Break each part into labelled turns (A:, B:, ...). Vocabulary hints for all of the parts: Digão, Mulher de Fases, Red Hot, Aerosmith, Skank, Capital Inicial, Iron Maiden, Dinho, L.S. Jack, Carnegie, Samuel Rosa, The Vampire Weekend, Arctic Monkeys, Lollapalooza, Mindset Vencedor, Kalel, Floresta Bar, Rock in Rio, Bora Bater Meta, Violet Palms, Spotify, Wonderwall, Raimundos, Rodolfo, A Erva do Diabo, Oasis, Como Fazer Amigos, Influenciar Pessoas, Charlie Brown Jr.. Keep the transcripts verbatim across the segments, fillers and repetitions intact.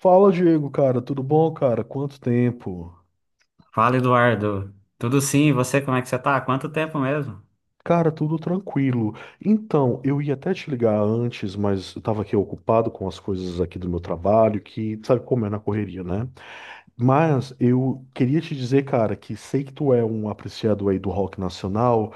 A: Fala, Diego, cara, tudo bom, cara? Quanto tempo?
B: Fala, Eduardo. Tudo sim, e você, como é que você tá? Há quanto tempo mesmo?
A: Cara, tudo tranquilo. Então, eu ia até te ligar antes, mas eu tava aqui ocupado com as coisas aqui do meu trabalho, que sabe como é na correria, né? Mas eu queria te dizer, cara, que sei que tu é um apreciador aí do rock nacional.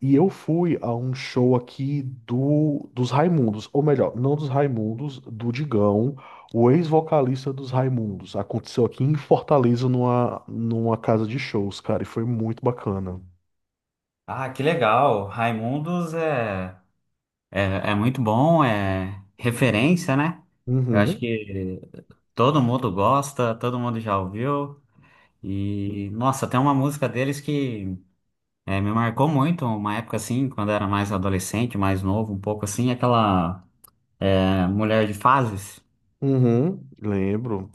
A: E eu fui a um show aqui do, dos Raimundos, ou melhor, não dos Raimundos, do Digão, o ex-vocalista dos Raimundos. Aconteceu aqui em Fortaleza, numa, numa casa de shows, cara, e foi muito bacana.
B: Ah, que legal. Raimundos é, é, é muito bom, é referência, né? Eu acho
A: Uhum,
B: que todo mundo gosta, todo mundo já ouviu. E, nossa, tem uma música deles que é, me marcou muito, uma época assim, quando eu era mais adolescente, mais novo, um pouco assim, aquela é, Mulher de Fases.
A: uhum, lembro.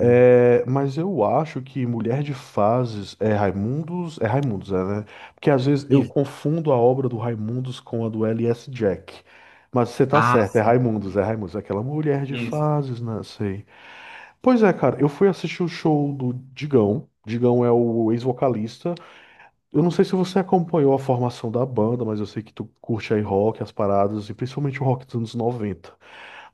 A: É, mas eu acho que Mulher de Fases é Raimundos, é Raimundos, é, né? Porque às vezes eu
B: Isso.
A: confundo a obra do Raimundos com a do L S. Jack. Mas você tá
B: Ah,
A: certo, é Raimundos, é Raimundos, é aquela Mulher de
B: isso.
A: Fases, né? Sei. Pois é, cara, eu fui assistir o show do Digão. Digão é o ex-vocalista. Eu não sei se você acompanhou a formação da banda, mas eu sei que tu curte aí rock, as paradas, e principalmente o rock dos anos noventa.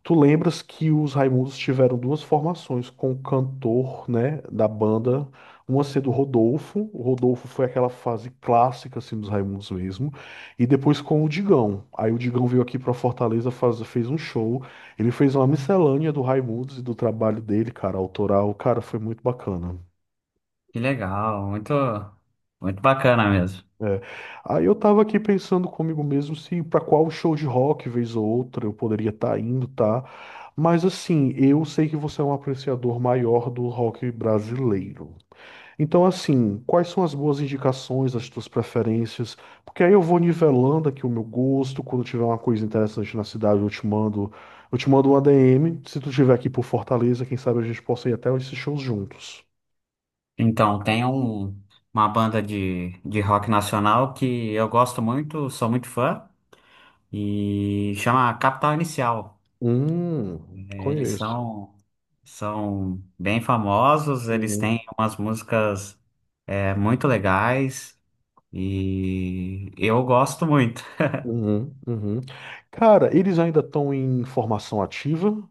A: Tu lembras que os Raimundos tiveram duas formações com o cantor, né, da banda, uma sendo o Rodolfo, o Rodolfo foi aquela fase clássica assim dos Raimundos mesmo, e depois com o Digão. Aí o Digão veio aqui pra Fortaleza, faz- fez um show, ele fez uma miscelânea do Raimundos e do trabalho dele, cara, autoral, cara, foi muito bacana.
B: Que legal, muito, muito bacana mesmo.
A: É. Aí eu tava aqui pensando comigo mesmo se pra qual show de rock, vez ou outra, eu poderia estar indo, tá? Mas assim, eu sei que você é um apreciador maior do rock brasileiro. Então, assim, quais são as boas indicações, as tuas preferências? Porque aí eu vou nivelando aqui o meu gosto. Quando tiver uma coisa interessante na cidade, eu te mando, eu te mando um A D M. Se tu estiver aqui por Fortaleza, quem sabe a gente possa ir até esses shows juntos.
B: Então, tem um, uma banda de, de rock nacional que eu gosto muito, sou muito fã, e chama Capital Inicial.
A: Hum,
B: É, eles
A: conheço.
B: são, são bem famosos, eles têm umas músicas é, muito legais e eu gosto muito.
A: Uhum, uhum. Cara, eles ainda estão em formação ativa?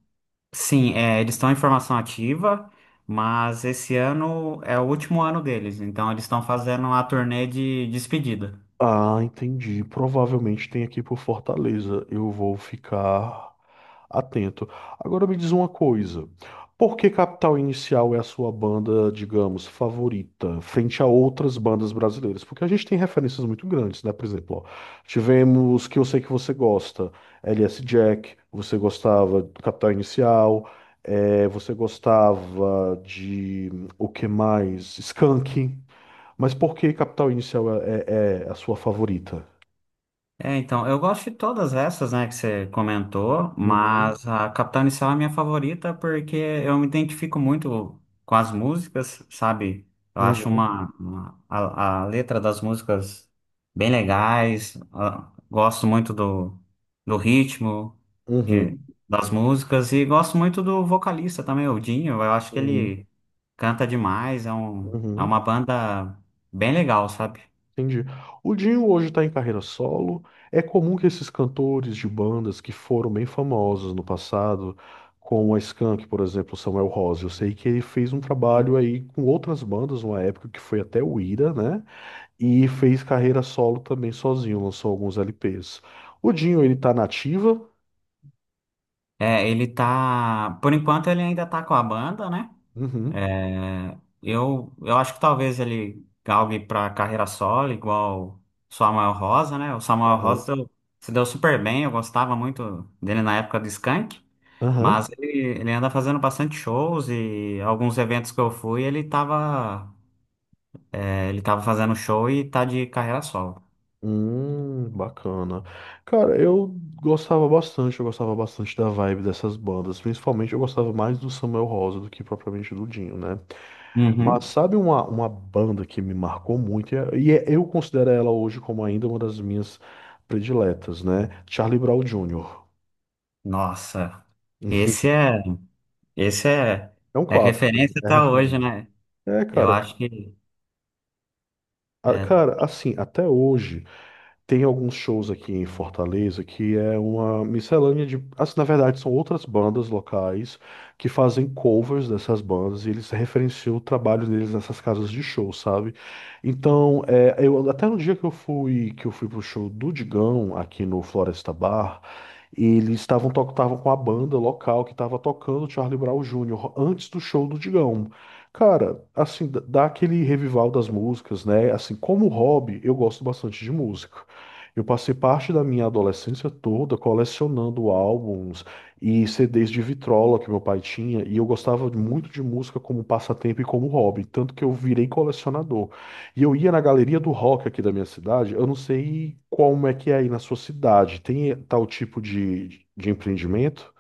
B: Sim, é, eles estão em formação ativa, mas esse ano é o último ano deles, então eles estão fazendo uma turnê de despedida.
A: Ah, entendi. Provavelmente tem aqui por Fortaleza. Eu vou ficar atento. Agora me diz uma coisa. Por que Capital Inicial é a sua banda, digamos, favorita, frente a outras bandas brasileiras? Porque a gente tem referências muito grandes, né? Por exemplo, ó, tivemos que eu sei que você gosta, L S Jack, você gostava do Capital Inicial, eh, você gostava de hum, o que mais? Skank. Mas por que Capital Inicial é, é- é a sua favorita?
B: É, então, eu gosto de todas essas, né, que você comentou,
A: Uhum,
B: mas a Capital Inicial é a minha favorita porque eu me identifico muito com as músicas, sabe? Eu acho
A: uhum,
B: uma, uma- a, a letra das músicas bem legais. Ah, gosto muito do, do ritmo de,
A: uhum,
B: das músicas e gosto muito do vocalista também, o Dinho. Eu acho que
A: uhum,
B: ele canta demais, é um, é uma
A: Uhum,
B: banda bem legal, sabe?
A: entendi. O Dinho hoje está em carreira solo. É comum que esses cantores de bandas que foram bem famosos no passado, como a Skank, por exemplo, Samuel Rose, eu sei que ele fez um trabalho aí com outras bandas, uma época que foi até o Ira, né? E fez carreira solo também sozinho, lançou alguns L Ps. O Dinho, ele tá na ativa.
B: É, ele tá. Por enquanto ele ainda tá com a banda, né?
A: Uhum.
B: É, eu, eu acho que talvez ele galgue pra carreira solo, igual o Samuel Rosa, né? O Samuel
A: Aham.
B: Rosa deu- se deu super bem, eu gostava muito dele na época do Skank,
A: Aham.
B: mas ele, ele anda fazendo bastante shows e alguns eventos que eu fui, ele tava, é, ele tava fazendo show e tá de carreira solo.
A: Hum, bacana. Cara, eu gostava bastante, eu gostava bastante da vibe dessas bandas. Principalmente eu gostava mais do Samuel Rosa do que propriamente do Dinho, né? Mas
B: Uhum.
A: sabe uma, uma banda que me marcou muito, e é- e é- eu considero ela hoje como ainda uma das minhas prediletas, né? Charlie Brown Júnior
B: Nossa, esse é, esse é,
A: É um
B: é
A: clássico,
B: referência
A: é
B: até hoje,
A: referência.
B: né?
A: É,
B: Eu
A: cara,
B: acho que.
A: a-
B: É.
A: cara, assim, até hoje. Tem alguns shows aqui em Fortaleza que é uma miscelânea de. Assim, na verdade, são outras bandas locais que fazem covers dessas bandas e eles referenciam o trabalho deles nessas casas de show, sabe? Então, é, eu, até no dia que eu fui, que eu fui pro show do Digão aqui no Floresta Bar, eles estavam to- estavam com a banda local que estava tocando Charlie Brown Júnior antes do show do Digão. Cara, assim, d- dá aquele revival das músicas, né? Assim, como hobby, eu gosto bastante de música. Eu passei parte da minha adolescência toda colecionando álbuns e C Ds de vitrola que meu pai tinha, e eu gostava muito de música como passatempo e como hobby, tanto que eu virei colecionador. E eu ia na galeria do rock aqui da minha cidade, eu não sei como é que é aí na sua cidade, tem tal tipo de, de empreendimento?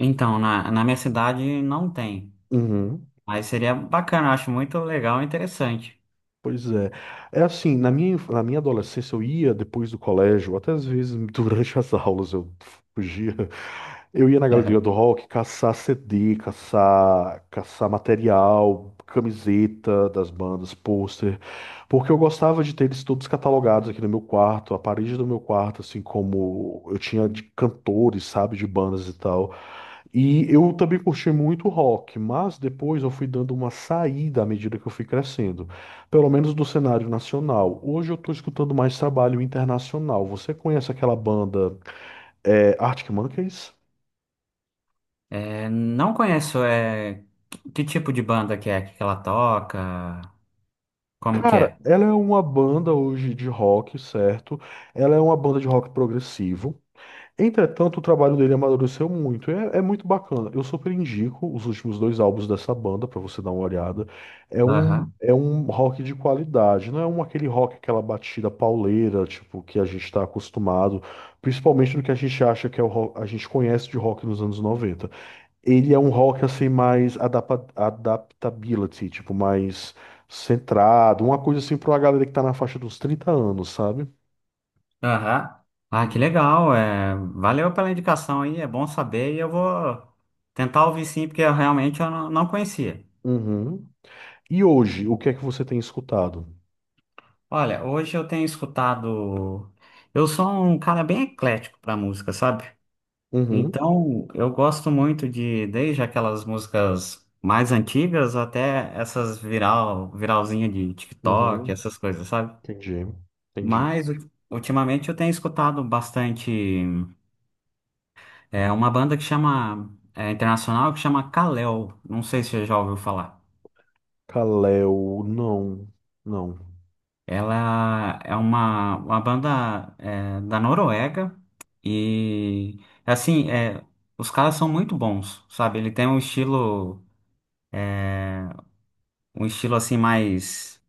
B: Então, na, na minha cidade não tem,
A: Uhum.
B: mas seria bacana, eu acho muito legal e interessante.
A: Pois é. É assim, na minha, inf- na minha adolescência eu ia depois do colégio, até às vezes durante as aulas eu fugia. Eu ia na galeria do rock caçar C D, caçar, caçar material, camiseta das bandas, pôster, porque eu gostava de ter eles todos catalogados aqui no meu quarto, a parede do meu quarto, assim como eu tinha de cantores, sabe, de bandas e tal. E eu também curti muito rock, mas depois eu fui dando uma saída à medida que eu fui crescendo, pelo menos do cenário nacional. Hoje eu estou escutando mais trabalho internacional. Você conhece aquela banda é, Arctic Monkeys?
B: É, não conheço. É, que tipo de banda que é que ela toca, como que
A: Cara,
B: é?
A: ela é uma banda hoje de rock, certo? Ela é uma banda de rock progressivo. Entretanto, o trabalho dele amadureceu muito. É, é muito bacana. Eu super indico os últimos dois álbuns dessa banda para você dar uma olhada. É um,
B: Aham,
A: é um rock de qualidade, não é um aquele rock, aquela batida pauleira, tipo, que a gente está acostumado, principalmente no que a gente acha que é o rock, a gente conhece de rock nos anos noventa. Ele é um rock assim mais adapa- adaptability, tipo, mais centrado, uma coisa assim para uma galera que tá na faixa dos trinta anos, sabe?
B: aham. Ah, que
A: Uhum.
B: legal, é, valeu pela indicação aí, é bom saber e eu vou tentar ouvir sim, porque eu realmente eu não, não conhecia.
A: Uhum. E hoje, o que é que você tem escutado?
B: Olha, hoje eu tenho escutado, eu sou um cara bem eclético para música, sabe?
A: Uhum,
B: Então, eu gosto muito de, desde aquelas músicas mais antigas até essas viral, viralzinha de TikTok,
A: uhum,
B: essas coisas, sabe?
A: entendi, entendi.
B: Mas u- ultimamente eu tenho escutado bastante, é, uma banda que chama, é, internacional que chama Kalel. Não sei se você já ouviu falar.
A: Kaleo, não, não.
B: Ela é uma, uma banda, é, da Noruega e, assim, é, os caras são muito bons, sabe? Ele tem um estilo, um estilo assim mais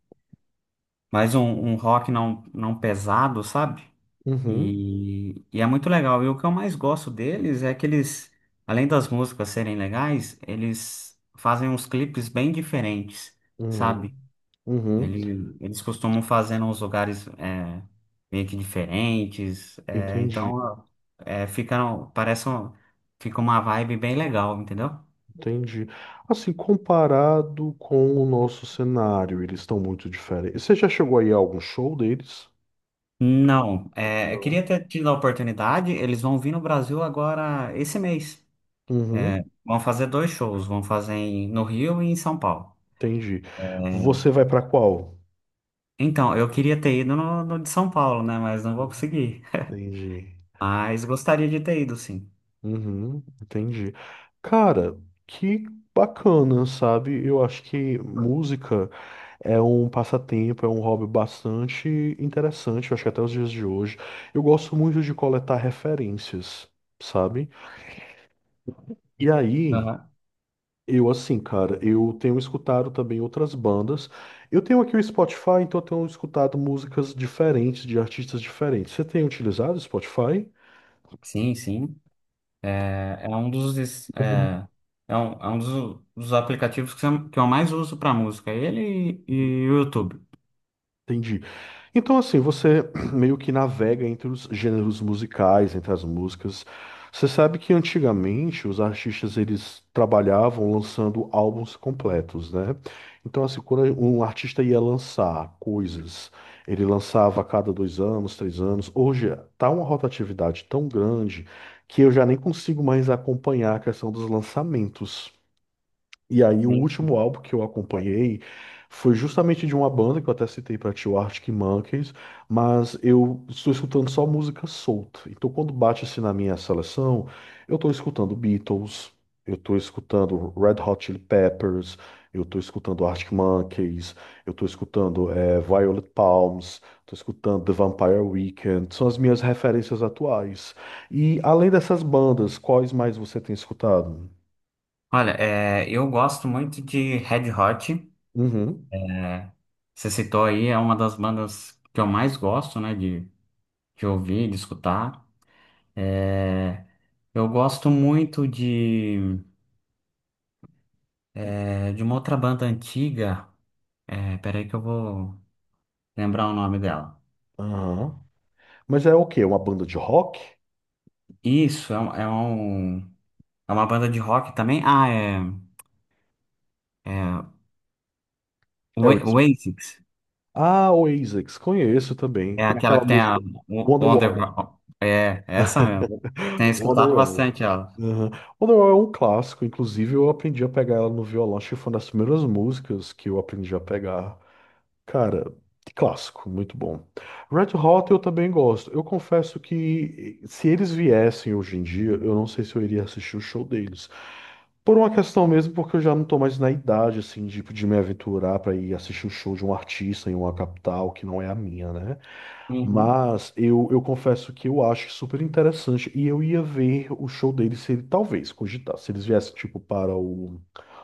B: mais um, um rock não, não pesado, sabe?
A: Uhum,
B: E, e é muito legal. E o que eu mais gosto deles é que eles, além das músicas serem legais, eles fazem uns clipes bem diferentes,
A: uhum,
B: sabe?
A: uhum,
B: Ele, eles costumam fazer nos lugares é, meio que diferentes, é,
A: entendi,
B: então é, fica, parece um- fica uma vibe bem legal, entendeu?
A: entendi. Assim, comparado com o nosso cenário, eles estão muito diferentes. Você já chegou aí a algum show deles?
B: Não, é, eu
A: Não.
B: queria ter tido a oportunidade, eles vão vir no Brasil agora esse mês.
A: Uhum,
B: É, vão fazer dois shows, vão fazer em- no Rio e em São Paulo.
A: entendi. Você
B: É,
A: vai pra qual?
B: então, eu queria ter ido no, no de São Paulo, né? Mas não vou conseguir.
A: Entendi.
B: Mas gostaria de ter ido, sim.
A: Uhum, entendi. Cara, que bacana, sabe? Eu acho que música é um passatempo, é um hobby bastante interessante, eu acho que até os dias de hoje. Eu gosto muito de coletar referências, sabe? E aí,
B: Aham.
A: eu assim, cara, eu tenho escutado também outras bandas. Eu tenho aqui o Spotify, então eu tenho escutado músicas diferentes, de artistas diferentes. Você tem utilizado o Spotify?
B: Sim, sim. É, é um dos, es- é, é um, é um dos, dos aplicativos que eu, que eu mais uso para música, ele e o YouTube.
A: Entendi. Então, assim, você meio que navega entre os gêneros musicais, entre as músicas. Você sabe que antigamente os artistas eles trabalhavam lançando álbuns completos, né? Então, assim, quando um artista ia lançar coisas, ele lançava a cada dois anos, três anos. Hoje tá uma rotatividade tão grande que eu já nem consigo mais acompanhar a questão dos lançamentos. E aí, o
B: Sim.
A: último álbum que eu acompanhei foi justamente de uma banda que eu até citei pra ti, o Arctic Monkeys, mas eu estou escutando só música solta. Então, quando bate assim na minha seleção, eu estou escutando Beatles, eu estou escutando Red Hot Chili Peppers, eu estou escutando Arctic Monkeys, eu estou escutando eh, Violet Palms, estou escutando The Vampire Weekend. São as minhas referências atuais. E além dessas bandas, quais mais você tem escutado?
B: Olha, é, eu gosto muito de Red Hot.
A: Uhum.
B: É. Você citou aí, é uma das bandas que eu mais gosto, né, de, de ouvir, de escutar. É, eu gosto muito de, é, de uma outra banda antiga. É, peraí que eu vou lembrar o nome dela.
A: Aham. Mas é o quê? Uma banda de rock?
B: Isso, é, um, é um- é uma banda de rock também. Ah, é, é Oa-
A: Aerosmith.
B: Oasis.
A: Ah, Oasis, conheço também.
B: É
A: Tem
B: aquela
A: aquela
B: que tem a
A: música
B: o- Wonder...
A: Wonderwall.
B: É, é essa mesmo. Tenho escutado
A: Wonderwall.
B: bastante ela.
A: Uhum. Wonderwall é um clássico, inclusive eu aprendi a pegar ela no violão, acho que foi uma das primeiras músicas que eu aprendi a pegar. Cara, clássico, muito bom. Red Hot eu também gosto. Eu confesso que eh, se eles viessem hoje em dia, eu não sei se eu iria assistir o show deles. Por uma questão mesmo, porque eu já não tô mais na idade, assim, de, de me aventurar pra ir assistir o show de um artista em uma capital que não é a minha, né?
B: Uhum.
A: Mas eu, eu confesso que eu acho super interessante e eu ia ver o show deles se ele, talvez, cogitar, se eles viessem, tipo, para o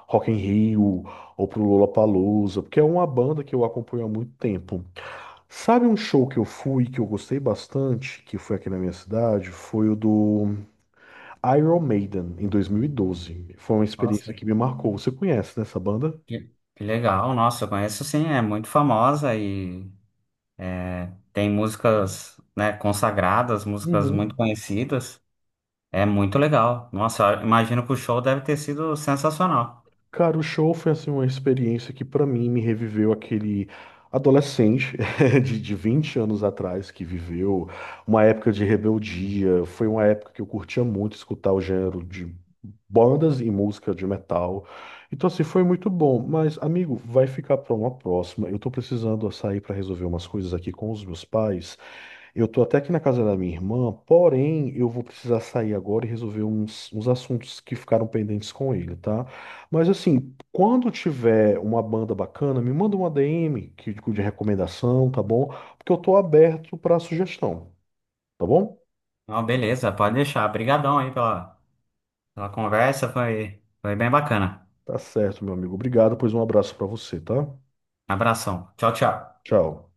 A: Rock in Rio ou pro Lollapalooza, porque é uma banda que eu acompanho há muito tempo. Sabe um show que eu fui, que eu gostei bastante, que foi aqui na minha cidade? Foi o do Iron Maiden, em dois mil e doze. Foi uma
B: Nossa,
A: experiência que me marcou. Você conhece, né, essa banda?
B: que, que legal. Nossa, eu conheço sim, é muito famosa e tem músicas, né, consagradas, músicas muito
A: Uhum.
B: conhecidas. É muito legal. Nossa, eu imagino que o show deve ter sido sensacional.
A: Cara, o show foi assim uma experiência que pra mim me reviveu aquele adolescente de, de vinte anos atrás que viveu uma época de rebeldia. Foi uma época que eu curtia muito escutar o gênero de bandas e música de metal. Então assim, foi muito bom, mas amigo, vai ficar pra uma próxima. Eu tô precisando sair pra resolver umas coisas aqui com os meus pais. Eu tô até aqui na casa da minha irmã, porém eu vou precisar sair agora e resolver uns, uns assuntos que ficaram pendentes com ele, tá? Mas assim, quando tiver uma banda bacana, me manda uma D M que, de recomendação, tá bom? Porque eu tô aberto pra sugestão, tá bom?
B: Não, beleza, pode deixar. Obrigadão aí pela, pela conversa, foi, foi bem bacana.
A: Tá certo, meu amigo. Obrigado, pois um abraço pra você, tá?
B: Abração. Tchau, tchau.
A: Tchau.